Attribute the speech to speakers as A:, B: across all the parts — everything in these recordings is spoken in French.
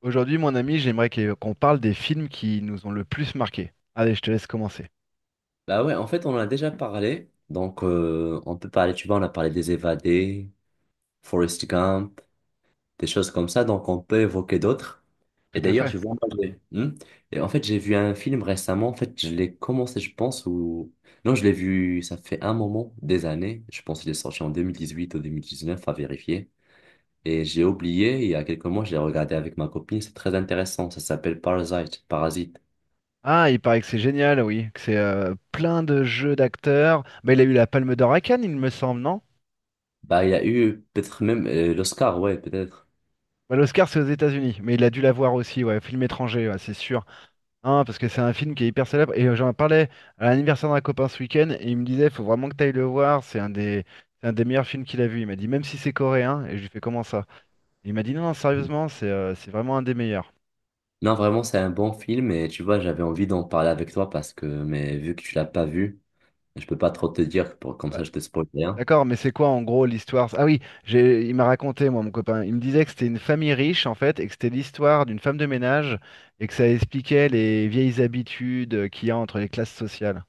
A: Aujourd'hui, mon ami, j'aimerais qu'on parle des films qui nous ont le plus marqués. Allez, je te laisse commencer.
B: Bah ouais, en fait, on en a déjà parlé. Donc, on peut parler, tu vois, on a parlé des évadés, Forrest Gump, des choses comme ça. Donc, on peut évoquer d'autres. Et
A: Tout à
B: d'ailleurs,
A: fait.
B: tu vois, moi, Et en fait, j'ai vu un film récemment. En fait, je l'ai commencé, je pense, ou... Non, je l'ai vu, ça fait un moment, des années. Je pense qu'il est sorti en 2018 ou 2019 à vérifier. Et j'ai oublié, il y a quelques mois, je l'ai regardé avec ma copine. C'est très intéressant. Ça s'appelle Parasite. Parasite.
A: Ah, il paraît que c'est génial, oui, que c'est plein de jeux d'acteurs. Bah, il a eu la Palme d'Or à Cannes, il me semble, non?
B: Bah, il y a eu peut-être même l'Oscar, ouais, peut-être.
A: Bah, l'Oscar, c'est aux États-Unis, mais il a dû l'avoir aussi, ouais, film étranger, ouais, c'est sûr. Hein, parce que c'est un film qui est hyper célèbre. Et j'en parlais à l'anniversaire d'un copain ce week-end, et il me disait, faut vraiment que tu ailles le voir, c'est un des meilleurs films qu'il a vu. Il m'a dit, même si c'est coréen, et je lui fais comment ça? Il m'a dit, non, non, sérieusement, c'est vraiment un des meilleurs.
B: Non, vraiment, c'est un bon film et tu vois, j'avais envie d'en parler avec toi, parce que, mais vu que tu l'as pas vu, je peux pas trop te dire, pour, comme
A: Bah,
B: ça je te spoil rien.
A: d'accord, mais c'est quoi en gros l'histoire? Ah oui, il m'a raconté, moi, mon copain. Il me disait que c'était une famille riche, en fait, et que c'était l'histoire d'une femme de ménage, et que ça expliquait les vieilles habitudes qu'il y a entre les classes sociales.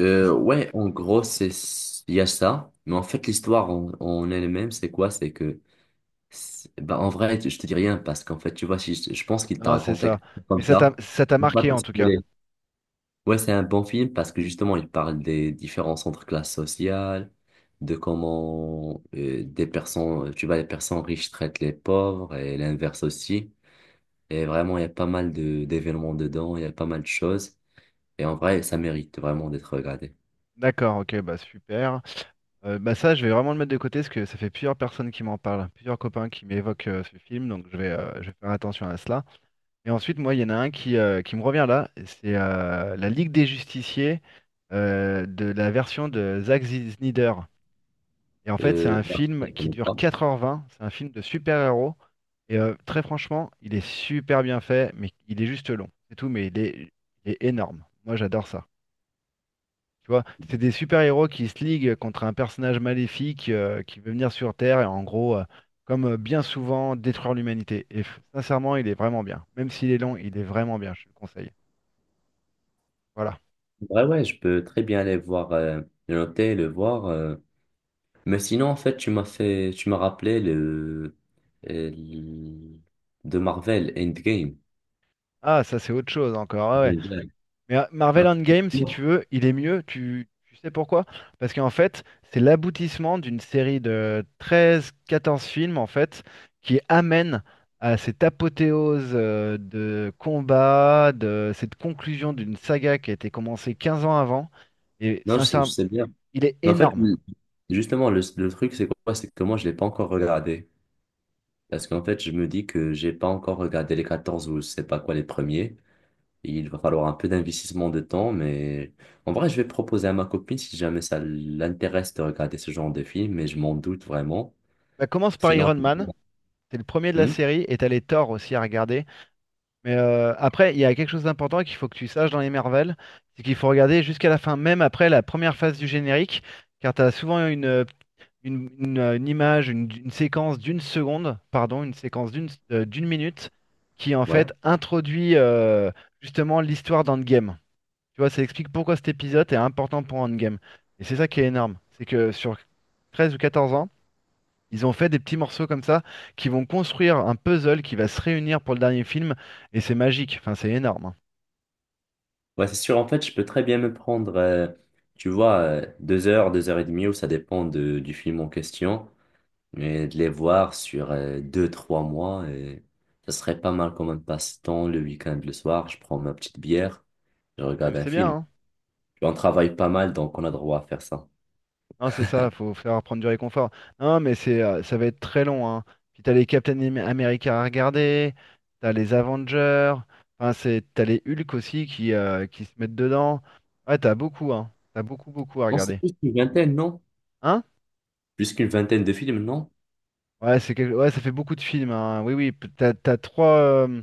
B: Euh,
A: C'est-
B: ouais, en gros, c'est, il y a ça, mais en fait, l'histoire en elle-même, c'est quoi? C'est que, bah, en vrai, je te dis rien parce qu'en fait, tu vois, si je pense qu'il t'a
A: Ah, c'est
B: raconté
A: ça.
B: quelque chose
A: Mais
B: comme
A: ça t'a,
B: ça,
A: ça t'a
B: je vais pas
A: marqué,
B: te
A: en tout cas.
B: spoiler. Ouais, c'est un bon film parce que justement, il parle des différences entre classes sociales, de comment des personnes, tu vois, les personnes riches traitent les pauvres et l'inverse aussi. Et vraiment, il y a pas mal de d'événements dedans, il y a pas mal de choses. Et en vrai, ça mérite vraiment d'être regardé.
A: D'accord, ok, bah super. Bah ça, je vais vraiment le mettre de côté, parce que ça fait plusieurs personnes qui m'en parlent, plusieurs copains qui m'évoquent ce film, donc je vais faire attention à cela. Et ensuite, moi, il y en a un qui me revient là, c'est la Ligue des Justiciers de la version de Zack Snyder. Et en fait, c'est
B: Euh,
A: un
B: après,
A: film
B: je
A: qui
B: connais
A: dure
B: pas.
A: 4h20. C'est un film de super-héros. Et très franchement, il est super bien fait, mais il est juste long. C'est tout, mais il est énorme. Moi, j'adore ça. Tu vois, c'est des super-héros qui se liguent contre un personnage maléfique qui veut venir sur Terre et en gros, comme bien souvent, détruire l'humanité. Et sincèrement, il est vraiment bien. Même s'il est long, il est vraiment bien, je te le conseille. Voilà.
B: Ouais, ouais, je peux très bien aller voir, le noter, le voir. Mais sinon, en fait, tu m'as rappelé euh, le- de Marvel Endgame.
A: Ah, ça c'est autre chose encore. Ah ouais. Mais Marvel Endgame, si
B: Non,
A: tu veux, il est mieux. Tu sais pourquoi? Parce qu'en fait, c'est l'aboutissement d'une série de 13, 14 films, en fait, qui amène à cette apothéose de combat, de cette conclusion d'une saga qui a été commencée 15 ans avant. Et
B: non, je sais, je
A: sincèrement,
B: sais bien.
A: il est
B: Mais en fait,
A: énorme.
B: justement, le truc, c'est quoi? C'est que moi, je l'ai pas encore regardé. Parce qu'en fait, je me dis que j'ai pas encore regardé les 14 ou je sais pas quoi, les premiers. Il va falloir un peu d'investissement de temps, mais en vrai, je vais proposer à ma copine si jamais ça l'intéresse de regarder ce genre de film, mais je m'en doute vraiment.
A: Ça commence par
B: Sinon,
A: Iron Man, c'est le premier de la
B: Hmm.
A: série, et t'as les Thor aussi à regarder. Mais après, il y a quelque chose d'important qu'il faut que tu saches dans les Marvel, c'est qu'il faut regarder jusqu'à la fin, même après la première phase du générique, car tu as souvent une image, une séquence d'une seconde, pardon, une séquence d'une minute, qui en
B: Ouais.
A: fait introduit justement l'histoire d'Endgame. Tu vois, ça explique pourquoi cet épisode est important pour Endgame. Et c'est ça qui est énorme, c'est que sur 13 ou 14 ans, ils ont fait des petits morceaux comme ça qui vont construire un puzzle qui va se réunir pour le dernier film et c'est magique. Enfin, c'est énorme, hein.
B: Ouais, c'est sûr. En fait, je peux très bien me prendre, tu vois, 2 heures, 2 heures et demie, ou ça dépend du film en question. Mais de les voir sur 2, 3 mois, et ça serait pas mal comme un passe-temps. Le week-end, le soir, je prends ma petite bière, je
A: Ah, mais
B: regarde un
A: c'est bien,
B: film.
A: hein.
B: Et on travaille pas mal, donc on a droit à faire ça.
A: Hein, c'est ça, faut faire prendre du réconfort. Non, mais ça va être très long, hein. Puis t'as les Captain America à regarder, t'as les Avengers. Enfin, t'as les Hulk aussi qui se mettent dedans. Ouais, t'as beaucoup, hein. T'as beaucoup, beaucoup à
B: Non, c'est
A: regarder.
B: plus qu'une vingtaine, non?
A: Hein.
B: Plus qu'une vingtaine de films, non?
A: Ouais, ouais, ça fait beaucoup de films, hein. Oui, oui, euh,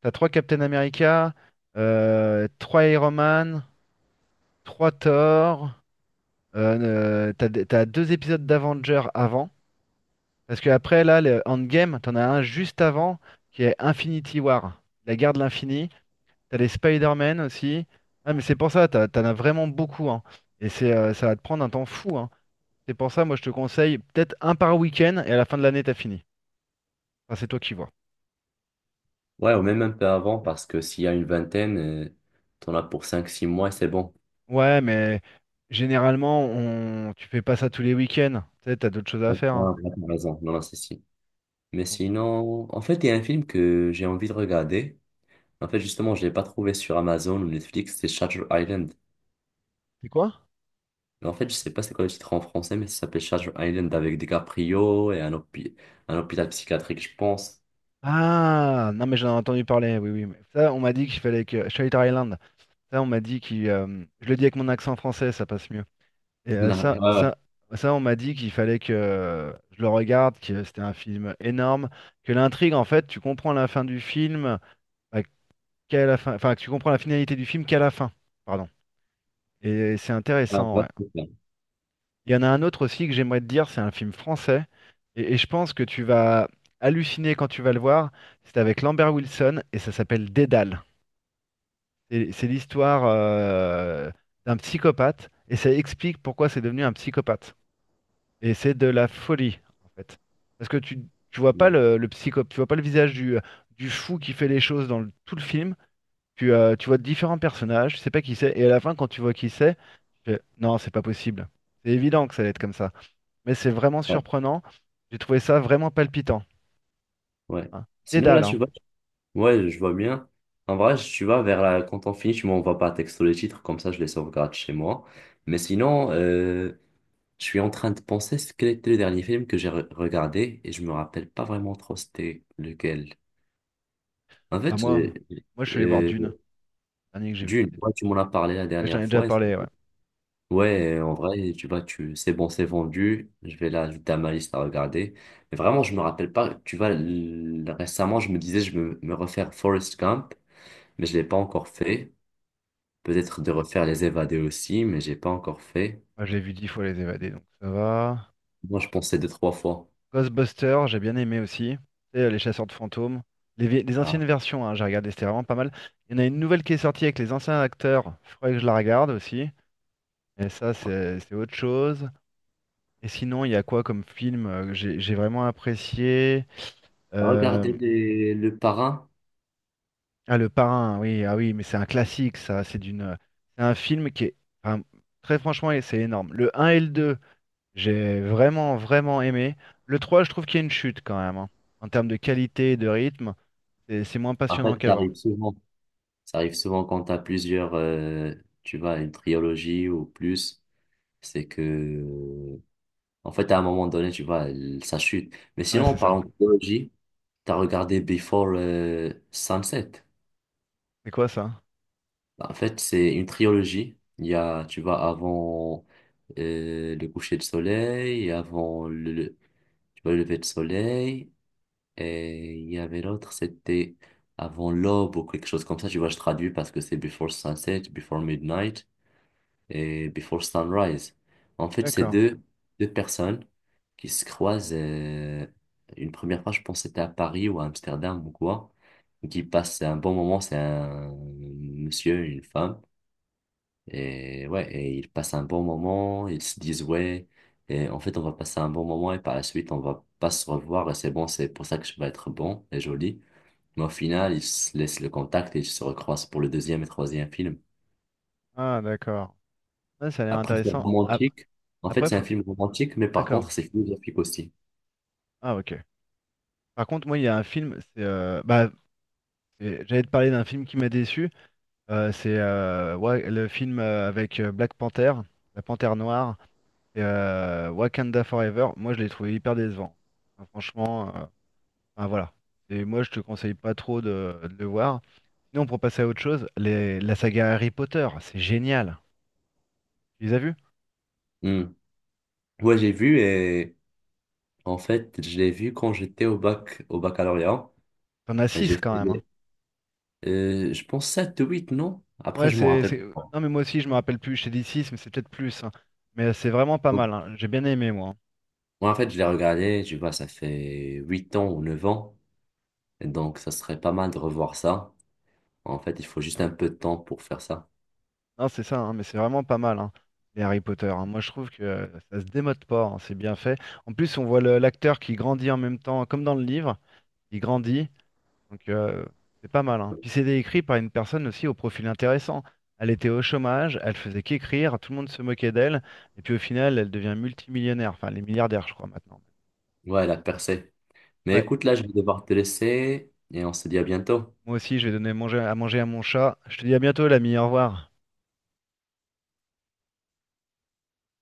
A: t'as trois Captain America, trois Iron Man, trois Thor. T'as deux épisodes d'Avengers avant. Parce que après, là, le Endgame, t'en as un juste avant qui est Infinity War, la guerre de l'infini. T'as les Spider-Man aussi. Ah, mais c'est pour ça, t'en as vraiment beaucoup, hein. Et ça va te prendre un temps fou, hein. C'est pour ça, moi, je te conseille peut-être un par week-end et à la fin de l'année, t'as fini. Enfin, c'est toi qui vois.
B: Ouais, ou même un peu avant, parce que s'il y a une vingtaine, t'en as pour 5, 6 mois, et c'est bon.
A: Ouais, mais généralement, tu fais pas ça tous les week-ends. Tu sais, t'as d'autres choses à
B: Ouais,
A: faire, hein.
B: ouais, t'as raison. Non, non, c'est si. Mais
A: Donc-
B: sinon, en fait, il y a un film que j'ai envie de regarder. En fait, justement, je l'ai pas trouvé sur Amazon ou Netflix, c'est Shutter Island.
A: C'est quoi?
B: Mais en fait, je sais pas c'est quoi le titre en français, mais ça s'appelle Shutter Island, avec DiCaprio et un hôpital psychiatrique, je pense.
A: Ah, non, mais j'en ai entendu parler. Oui, oui, mais ça, on m'a dit qu'il fallait que. Shutter Island. Ça, on m'a dit qu'il. Je le dis avec mon accent français, ça passe mieux. Et ça,
B: Ouais, ouais.
A: ça, ça, on m'a dit qu'il fallait que je le regarde, que c'était un film énorme, que l'intrigue, en fait, tu comprends la fin du film, bah, qu'à la fin, enfin, que tu comprends la finalité du film qu'à la fin. Pardon. Et c'est
B: Ah,
A: intéressant,
B: bah,
A: ouais.
B: c'est ça.
A: Il y en a un autre aussi que j'aimerais te dire, c'est un film français. Et je pense que tu vas halluciner quand tu vas le voir. C'est avec Lambert Wilson et ça s'appelle Dédale. C'est l'histoire d'un psychopathe et ça explique pourquoi c'est devenu un psychopathe. Et c'est de la folie, en fait. Parce que tu vois pas
B: Mm.
A: le psycho, tu vois pas le visage du fou qui fait les choses dans tout le film. Tu vois différents personnages, tu sais pas qui c'est. Et à la fin, quand tu vois qui c'est, tu fais, non, c'est pas possible. C'est évident que ça allait être comme ça mais c'est vraiment
B: Ouais.
A: surprenant. J'ai trouvé ça vraiment palpitant.
B: Ouais.
A: Hein.
B: Sinon,
A: Dédale,
B: là, tu
A: hein.
B: vois, ouais, je vois bien. En vrai, tu vois, quand on finit, tu m'envoies par texto les titres, comme ça, je les sauvegarde chez moi. Mais sinon, je suis en train de penser ce quel était le dernier film que j'ai regardé et je me rappelle pas vraiment trop c'était lequel. En
A: Bah
B: fait,
A: moi je suis allé voir
B: euh,
A: Dune. Le dernier que j'ai vu,
B: Dune,
A: c'était Dune.
B: ouais, tu m'en as parlé la
A: Ouais, je t'en
B: dernière
A: ai déjà
B: fois.
A: parlé, ouais. Dune.
B: Ouais, en vrai, tu vois, tu, c'est bon, c'est vendu. Je vais l'ajouter à ma liste à regarder. Mais vraiment, je me rappelle pas. Tu vois, l- récemment, je me disais, je me refaire Forrest Gump, mais je l'ai pas encore fait. Peut-être de refaire Les Évadés aussi, mais j'ai pas encore fait.
A: Moi, je l'ai vu 10 fois Les Évadés, donc ça va.
B: Moi, je pensais deux, trois fois.
A: Ghostbusters, j'ai bien aimé aussi. Tu sais, Les Chasseurs de fantômes. Les
B: Ah,
A: anciennes versions, hein, j'ai regardé, c'était vraiment pas mal. Il y en a une nouvelle qui est sortie avec les anciens acteurs. Il faudrait que je la regarde aussi. Mais ça,
B: ouais.
A: c'est autre chose. Et sinon, il y a quoi comme film que j'ai vraiment apprécié? Euh,
B: Regarder le Parrain.
A: Ah, le parrain, oui, ah oui, mais c'est un classique, ça. C'est un film qui est, enfin, très franchement, et c'est énorme. Le un et le deux, j'ai vraiment, vraiment aimé. Le trois, je trouve qu'il y a une chute quand même, hein. En termes de qualité et de rythme, c'est moins
B: En
A: passionnant
B: fait, ça
A: qu'avant.
B: arrive souvent. Ça arrive souvent quand t'as plusieurs, tu vois, une trilogie ou plus. C'est que en fait, à un moment donné, tu vois, elle- ça chute. Mais
A: Ouais,
B: sinon, en
A: c'est ça.
B: parlant de trilogie, tu as regardé Before Sunset.
A: C'est quoi ça?
B: Bah, en fait, c'est une trilogie. Il y a, tu vois, avant le coucher de soleil, et avant tu vois, le lever de soleil, et il y avait l'autre, c'était avant l'aube ou quelque chose comme ça. Tu vois, je traduis parce que c'est Before Sunset, Before Midnight et Before Sunrise. En fait, c'est
A: D'accord.
B: deux, deux personnes qui se croisent une première fois, je pense que c'était à Paris ou à Amsterdam ou quoi, qui passent un bon moment, c'est un monsieur, une femme, et ouais, et ils passent un bon moment, ils se disent ouais, et en fait, on va passer un bon moment et par la suite, on va pas se revoir et c'est bon, c'est pour ça que je vais être bon et joli. Mais au final, ils se laissent le contact et ils se recroisent pour le deuxième et troisième film.
A: Ah, d'accord. Ouais, ça a l'air
B: Après, c'est
A: intéressant.
B: romantique. En fait,
A: Après,
B: c'est un
A: faut.
B: film romantique, mais par
A: D'accord.
B: contre, c'est philosophique aussi.
A: Ah, ok. Par contre, moi, il y a un film, j'allais te parler d'un film qui m'a déçu. Le film avec Black Panther, la Panthère Noire, et Wakanda Forever. Moi, je l'ai trouvé hyper décevant. Enfin, franchement, enfin, voilà. Et moi, je te conseille pas trop de le voir. Sinon, pour passer à autre chose, la saga Harry Potter, c'est génial. Tu les as vus?
B: Hmm. Ouais, j'ai vu et en fait, je l'ai vu quand j'étais au bac, au baccalauréat.
A: T'en as
B: Et
A: six
B: j'ai fait,
A: quand même, hein.
B: je pense 7, ou 8, non? Après,
A: Ouais,
B: je m'en
A: c'est,
B: rappelle
A: c'est-
B: pas.
A: Non, mais moi aussi, je me rappelle plus. Je t'ai dit six, mais c'est peut-être plus, hein. Mais c'est vraiment pas
B: Donc,
A: mal, hein. J'ai bien aimé, moi, hein.
B: ouais, en fait, je l'ai regardé, tu vois, ça fait 8 ans ou 9 ans. Et donc, ça serait pas mal de revoir ça. En fait, il faut juste un peu de temps pour faire ça.
A: Non, c'est ça, hein, mais c'est vraiment pas mal, hein, les Harry Potter, hein. Moi, je trouve que ça se démode pas, hein, c'est bien fait. En plus, on voit l'acteur qui grandit en même temps, comme dans le livre, il grandit, donc c'est pas mal, hein. Puis c'était écrit par une personne aussi au profil intéressant. Elle était au chômage, elle faisait qu'écrire, tout le monde se moquait d'elle, et puis au final, elle devient multimillionnaire, enfin, elle est milliardaire, je crois, maintenant.
B: Ouais, la percée. Mais
A: Ouais,
B: écoute, là, je vais devoir te laisser et on se dit à bientôt.
A: moi aussi, je vais donner à manger à mon chat. Je te dis à bientôt, l'ami, au revoir.